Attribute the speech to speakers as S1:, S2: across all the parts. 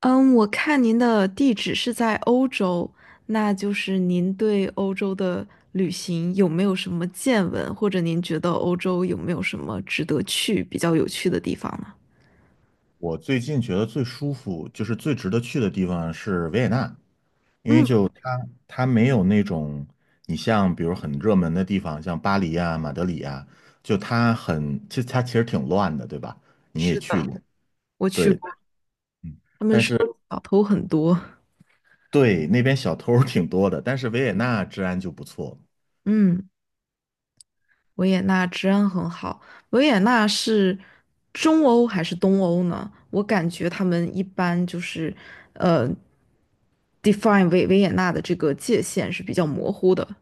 S1: 嗯，我看您的地址是在欧洲，那就是您对欧洲的旅行有没有什么见闻，或者您觉得欧洲有没有什么值得去、比较有趣的地方呢？
S2: 我最近觉得最舒服，就是最值得去的地方是维也纳，因为
S1: 嗯，
S2: 就它没有那种你像比如很热门的地方，像巴黎啊、马德里啊，就它很，其实它其实挺乱的，对吧？你也
S1: 是
S2: 去
S1: 的，
S2: 过，
S1: 我去
S2: 对，
S1: 过，
S2: 嗯
S1: 他们
S2: 但
S1: 说
S2: 是
S1: 小偷很多。
S2: 对那边小偷儿挺多的，但是维也纳治安就不错。
S1: 嗯，维也纳治安很好。维也纳是中欧还是东欧呢？我感觉他们一般就是呃，define 维也纳的这个界限是比较模糊的。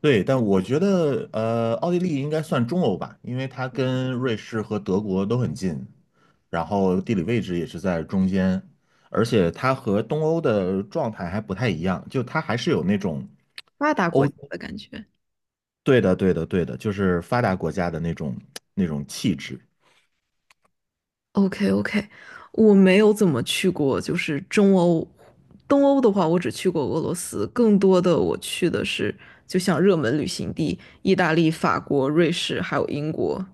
S2: 对，但我觉得奥地利应该算中欧吧，因为它跟瑞士和德国都很近，然后地理位置也是在中间，而且它和东欧的状态还不太一样，就它还是有那种
S1: 发达国
S2: 欧，
S1: 家的感觉。
S2: 对的，对的，对的，就是发达国家的那种气质。
S1: OK OK，我没有怎么去过，就是中欧、东欧的话，我只去过俄罗斯，更多的我去的是就像热门旅行地，意大利、法国、瑞士还有英国。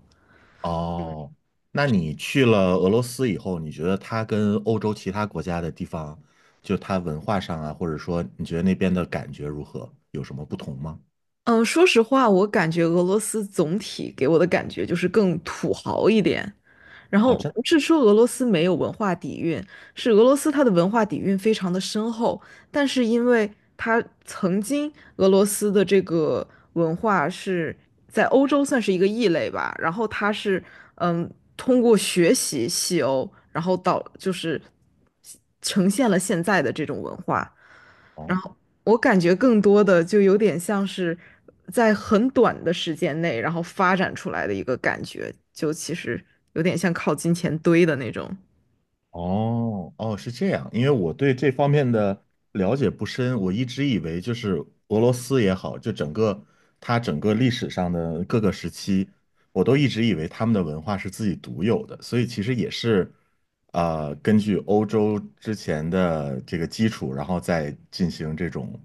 S2: 哦，那你去了俄罗斯以后，你觉得它跟欧洲其他国家的地方，就它文化上啊，或者说你觉得那边的感觉如何？有什么不同吗？
S1: 嗯，说实话，我感觉俄罗斯总体给我的感觉就是更土豪一点，然
S2: 哦，
S1: 后
S2: 真的
S1: 不是说俄罗斯没有文化底蕴，是俄罗斯它的文化底蕴非常的深厚，但是因为它曾经俄罗斯的这个文化是在欧洲算是一个异类吧，然后它是嗯通过学习西欧，然后到，就是呈现了现在的这种文化，然
S2: 哦。
S1: 后我感觉更多的就有点像是在很短的时间内，然后发展出来的一个感觉，就其实有点像靠金钱堆的那种。
S2: 哦哦，是这样，因为我对这方面的了解不深，我一直以为就是俄罗斯也好，就它整个历史上的各个时期，我都一直以为他们的文化是自己独有的，所以其实也是，根据欧洲之前的这个基础，然后再进行这种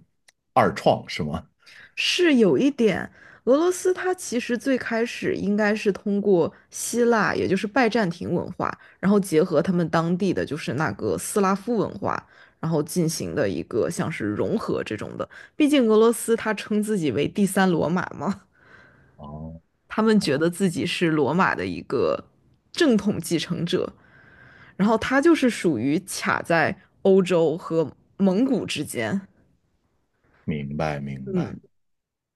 S2: 二创，是吗？
S1: 是有一点，俄罗斯它其实最开始应该是通过希腊，也就是拜占庭文化，然后结合他们当地的就是那个斯拉夫文化，然后进行的一个像是融合这种的。毕竟俄罗斯它称自己为第三罗马嘛。
S2: 哦，
S1: 他们觉得自己是罗马的一个正统继承者，然后他就是属于卡在欧洲和蒙古之间，
S2: 明白明白。
S1: 嗯。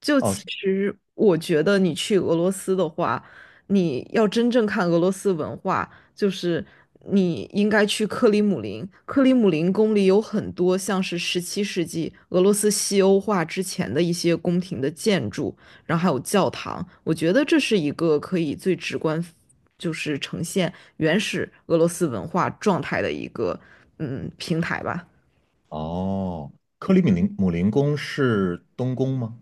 S1: 就
S2: 哦
S1: 其
S2: 这
S1: 实我觉得你去俄罗斯的话，你要真正看俄罗斯文化，就是你应该去克里姆林。克里姆林宫里有很多像是17世纪俄罗斯西欧化之前的一些宫廷的建筑，然后还有教堂。我觉得这是一个可以最直观，就是呈现原始俄罗斯文化状态的一个平台吧。
S2: 哦，克里米林姆林宫是东宫吗？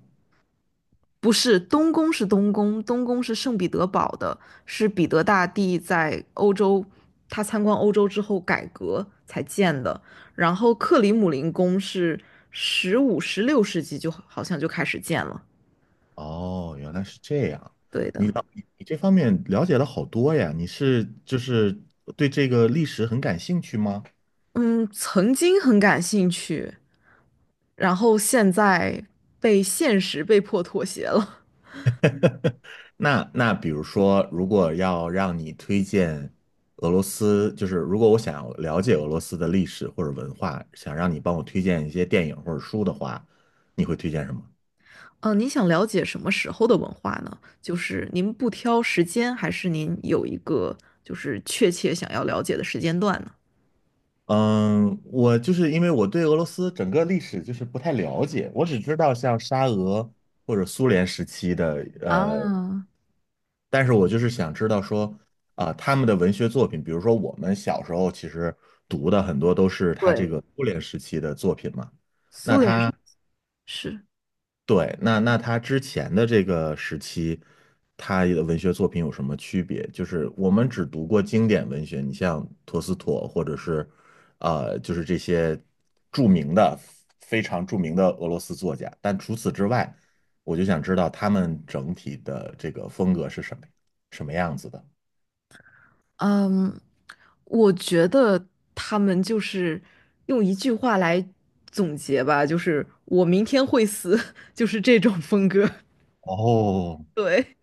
S1: 不是，东宫是东宫，东宫是圣彼得堡的，是彼得大帝在欧洲，他参观欧洲之后改革才建的。然后克里姆林宫是15、16世纪就好像就开始建了。
S2: 哦，原来是这样。
S1: 对的，
S2: 你这方面了解了好多呀。你是就是对这个历史很感兴趣吗？
S1: 嗯，曾经很感兴趣，然后现在被现实被迫妥协了。
S2: 那比如说，如果要让你推荐俄罗斯，就是如果我想要了解俄罗斯的历史或者文化，想让你帮我推荐一些电影或者书的话，你会推荐什么？
S1: 嗯，您想了解什么时候的文化呢？就是您不挑时间，还是您有一个就是确切想要了解的时间段呢？
S2: 嗯，我就是因为我对俄罗斯整个历史就是不太了解，我只知道像沙俄或者苏联时期的
S1: 啊，
S2: 但是我就是想知道说，啊、他们的文学作品，比如说我们小时候其实读的很多都是他这
S1: 对，
S2: 个苏联时期的作品嘛，那
S1: 苏联是，
S2: 他
S1: 是
S2: 对，那他之前的这个时期，他的文学作品有什么区别？就是我们只读过经典文学，你像陀思妥或者是，就是这些著名的、非常著名的俄罗斯作家，但除此之外，我就想知道他们整体的这个风格是什么，什么样子的。
S1: 嗯，我觉得他们就是用一句话来总结吧，就是我明天会死，就是这种风格。
S2: 哦，
S1: 对，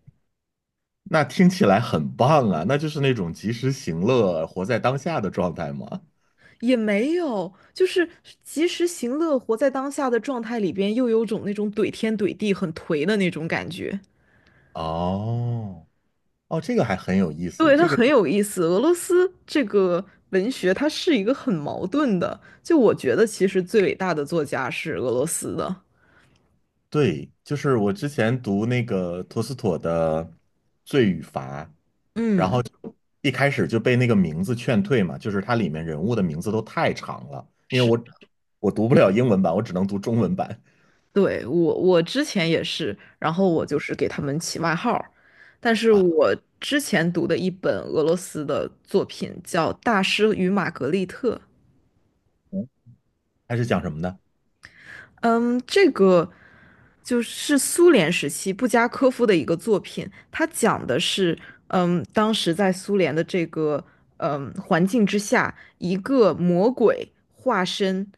S2: 那听起来很棒啊，那就是那种及时行乐、活在当下的状态吗？
S1: 也没有，就是及时行乐，活在当下的状态里边，又有种那种怼天怼地、很颓的那种感觉。
S2: 哦，哦，这个还很有意思。
S1: 对，它
S2: 这个
S1: 很有意思。俄罗斯这个文学，它是一个很矛盾的。就我觉得，其实最伟大的作家是俄罗斯的。
S2: 对，就是我之前读那个托斯妥的《罪与罚》，然
S1: 嗯，
S2: 后一开始就被那个名字劝退嘛，就是它里面人物的名字都太长了，因为
S1: 是，
S2: 我读不了英文版，我只能读中文版
S1: 对，我之前也是，然后我就是给他们起外号儿。但是
S2: 啊。
S1: 我之前读的一本俄罗斯的作品叫《大师与玛格丽特》。
S2: 嗯它是讲什么的？
S1: 嗯，这个就是苏联时期布加科夫的一个作品，他讲的是，嗯，当时在苏联的这个环境之下，一个魔鬼化身，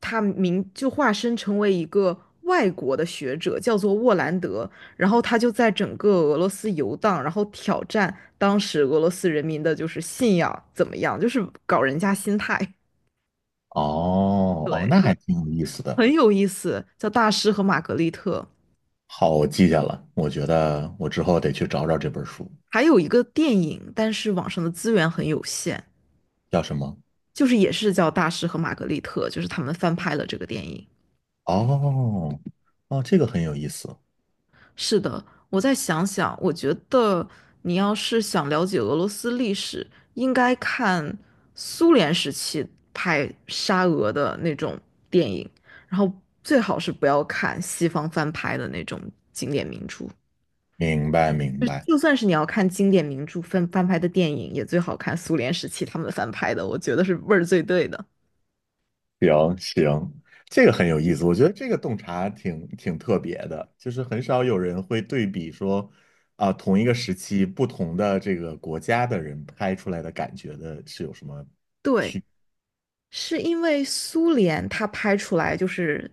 S1: 他名就化身成为一个外国的学者，叫做沃兰德，然后他就在整个俄罗斯游荡，然后挑战当时俄罗斯人民的就是信仰怎么样，就是搞人家心态，
S2: 哦哦，那还挺有意思 的。
S1: 很有意思，叫《大师和玛格丽特》。
S2: 好，我记下了。我觉得我之后得去找找这本书，
S1: 还有一个电影，但是网上的资源很有限，
S2: 叫什么？
S1: 就是也是叫《大师和玛格丽特》，就是他们翻拍了这个电影。
S2: 哦，哦，这个很有意思。
S1: 是的，我再想想，我觉得你要是想了解俄罗斯历史，应该看苏联时期拍沙俄的那种电影，然后最好是不要看西方翻拍的那种经典名著。
S2: 明白，明
S1: 就是
S2: 白。
S1: 就算是你要看经典名著翻拍的电影，也最好看苏联时期他们翻拍的，我觉得是味儿最对的。
S2: 行行，这个很有意思。我觉得这个洞察挺特别的，就是很少有人会对比说，啊，同一个时期不同的这个国家的人拍出来的感觉的是有什么？
S1: 对，是因为苏联它拍出来就是，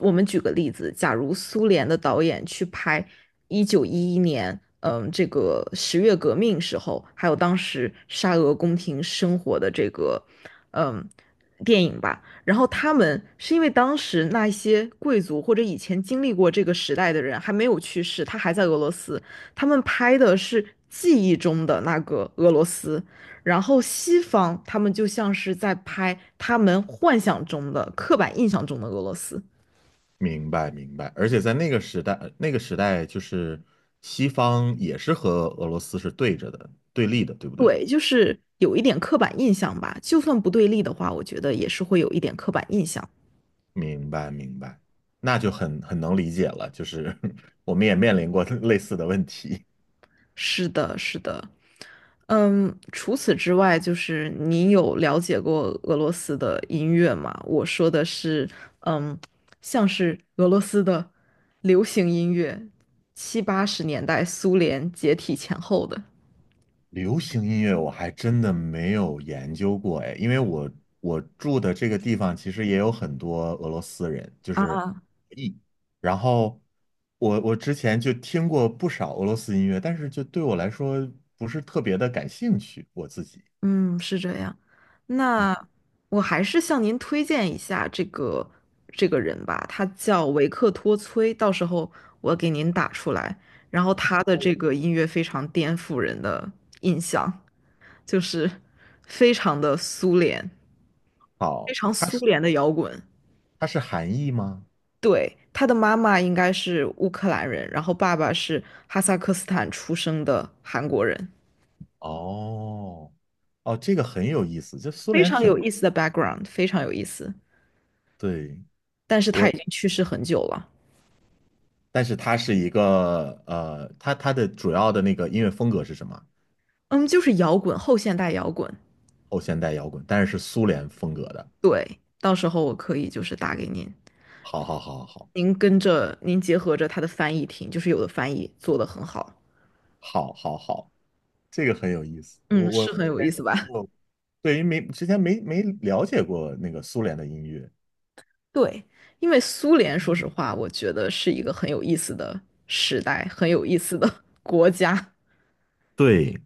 S1: 我们举个例子，假如苏联的导演去拍1911年，嗯，这个十月革命时候，还有当时沙俄宫廷生活的这个，嗯，电影吧，然后他们是因为当时那一些贵族或者以前经历过这个时代的人还没有去世，他还在俄罗斯，他们拍的是记忆中的那个俄罗斯。然后西方他们就像是在拍他们幻想中的、刻板印象中的俄罗斯。
S2: 明白，明白。而且在那个时代，那个时代就是西方也是和俄罗斯是对着的，对立的，对不对？
S1: 对，就是有一点刻板印象吧。就算不对立的话，我觉得也是会有一点刻板印象。
S2: 明白明白，那就很能理解了，就是我们也面临过 类似的问题。
S1: 是的，是的。嗯，除此之外，就是你有了解过俄罗斯的音乐吗？我说的是，嗯，像是俄罗斯的流行音乐，七八十年代苏联解体前后的。
S2: 流行音乐我还真的没有研究过哎，因为我住的这个地方其实也有很多俄罗斯人，就是
S1: 啊，
S2: 一，然后我之前就听过不少俄罗斯音乐，但是就对我来说不是特别的感兴趣，我自己。
S1: 嗯，是这样。
S2: 嗯，
S1: 那我还是向您推荐一下这个这个人吧，他叫维克托崔，到时候我给您打出来。然后他的这个音乐非常颠覆人的印象，就是非常的苏联，非
S2: 好，
S1: 常
S2: 它
S1: 苏
S2: 是
S1: 联的摇滚。
S2: 它是韩裔吗？
S1: 对，他的妈妈应该是乌克兰人，然后爸爸是哈萨克斯坦出生的韩国人，
S2: 哦，哦，这个很有意思。就苏
S1: 非
S2: 联
S1: 常
S2: 挺
S1: 有意思的 background，非常有意思。
S2: 对，
S1: 但是他已经去世很久了。
S2: 但是它是一个它的主要的那个音乐风格是什么？
S1: 嗯，就是摇滚，后现代摇滚。
S2: 后现代摇滚，但是是苏联风格的。
S1: 对，到时候我可以就是打给您，
S2: 好好好好
S1: 您跟着您结合着它的翻译听，就是有的翻译做得很好，
S2: 好好好，好，这个很有意思。我
S1: 嗯，
S2: 我
S1: 是很
S2: 之
S1: 有
S2: 前
S1: 意思吧？
S2: 没有，对于没之前没没了解过那个苏联的音乐。
S1: 对，因为苏联，说实话，我觉得是一个很有意思的时代，很有意思的 国家，
S2: 对，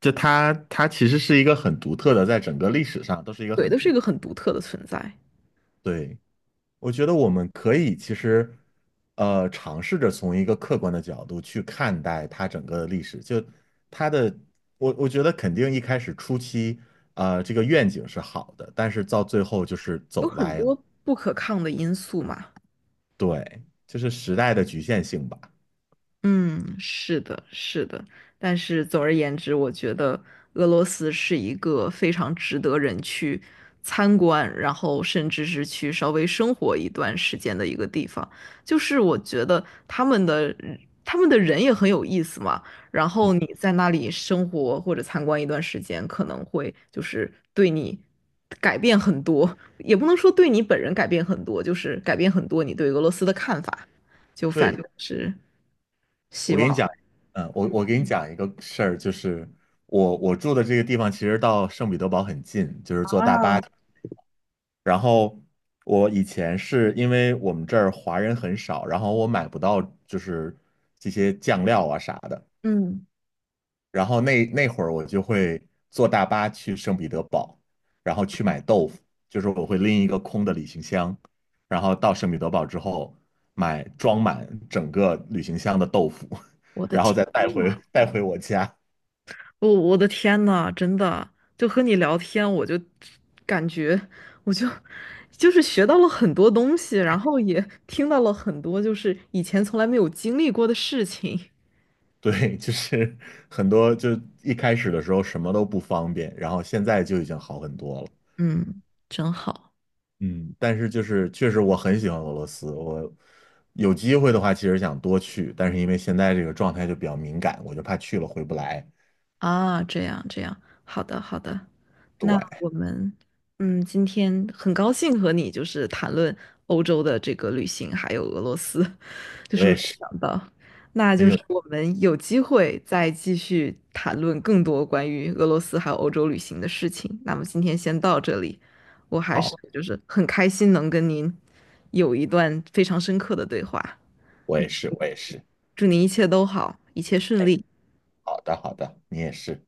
S2: 就它其实是一个很独特的，在整个历史上都是一个
S1: 对，
S2: 很
S1: 都是
S2: 独，
S1: 一个很独特的存在，
S2: 对。我觉得我们可以其实，尝试着从一个客观的角度去看待它整个的历史。就它的，我觉得肯定一开始初期，这个愿景是好的，但是到最后就是
S1: 有
S2: 走
S1: 很
S2: 歪了。
S1: 多不可抗的因素嘛。
S2: 对，就是时代的局限性吧。
S1: 嗯，是的，是的，但是总而言之，我觉得俄罗斯是一个非常值得人去参观，然后甚至是去稍微生活一段时间的一个地方。就是我觉得他们的他们的人也很有意思嘛，然
S2: 嗯，
S1: 后你在那里生活或者参观一段时间，可能会就是对你改变很多，也不能说对你本人改变很多，就是改变很多你对俄罗斯的看法。就反
S2: 对，
S1: 正是。
S2: 我给你讲，我给你讲一个事儿，就是我住的这个地方其实到圣彼得堡很近，就是坐大巴。然后我以前是因为我们这儿华人很少，然后我买不到就是这些酱料啊啥的，
S1: 嗯，
S2: 然后那会儿我就会坐大巴去圣彼得堡，然后去买豆腐，就是我会拎一个空的旅行箱，然后到圣彼得堡之后买装满整个旅行箱的豆腐，
S1: 我 的
S2: 然后
S1: 天
S2: 再带回
S1: 呐，
S2: 带回我家。
S1: 我的天呐，真的，就和你聊天，我就感觉，我就就是学到了很多东西，然后也听到了很多就是以前从来没有经历过的事情。
S2: 对，就是很多，就一开始的时候什么都不方便，然后现在就已经好很多了。
S1: 嗯，真好。
S2: 嗯，但是就是确实我很喜欢俄罗斯，我有机会的话其实想多去，但是因为现在这个状态就比较敏感，我就怕去了回不来。
S1: 啊！这样这样，好的好的，那
S2: 对，
S1: 我们嗯，今天很高兴和你就是谈论欧洲的这个旅行，还有俄罗斯。就
S2: 我
S1: 是没
S2: 也
S1: 有
S2: 是，
S1: 想到，那
S2: 很
S1: 就
S2: 有，
S1: 是我们有机会再继续谈论更多关于俄罗斯还有欧洲旅行的事情。那么今天先到这里，我还是
S2: 好，
S1: 就是很开心能跟您有一段非常深刻的对话。
S2: 我
S1: 嗯
S2: 也是，我也是。
S1: 祝您一切都好，一切顺
S2: 哎，
S1: 利。
S2: 好的，好的，你也是。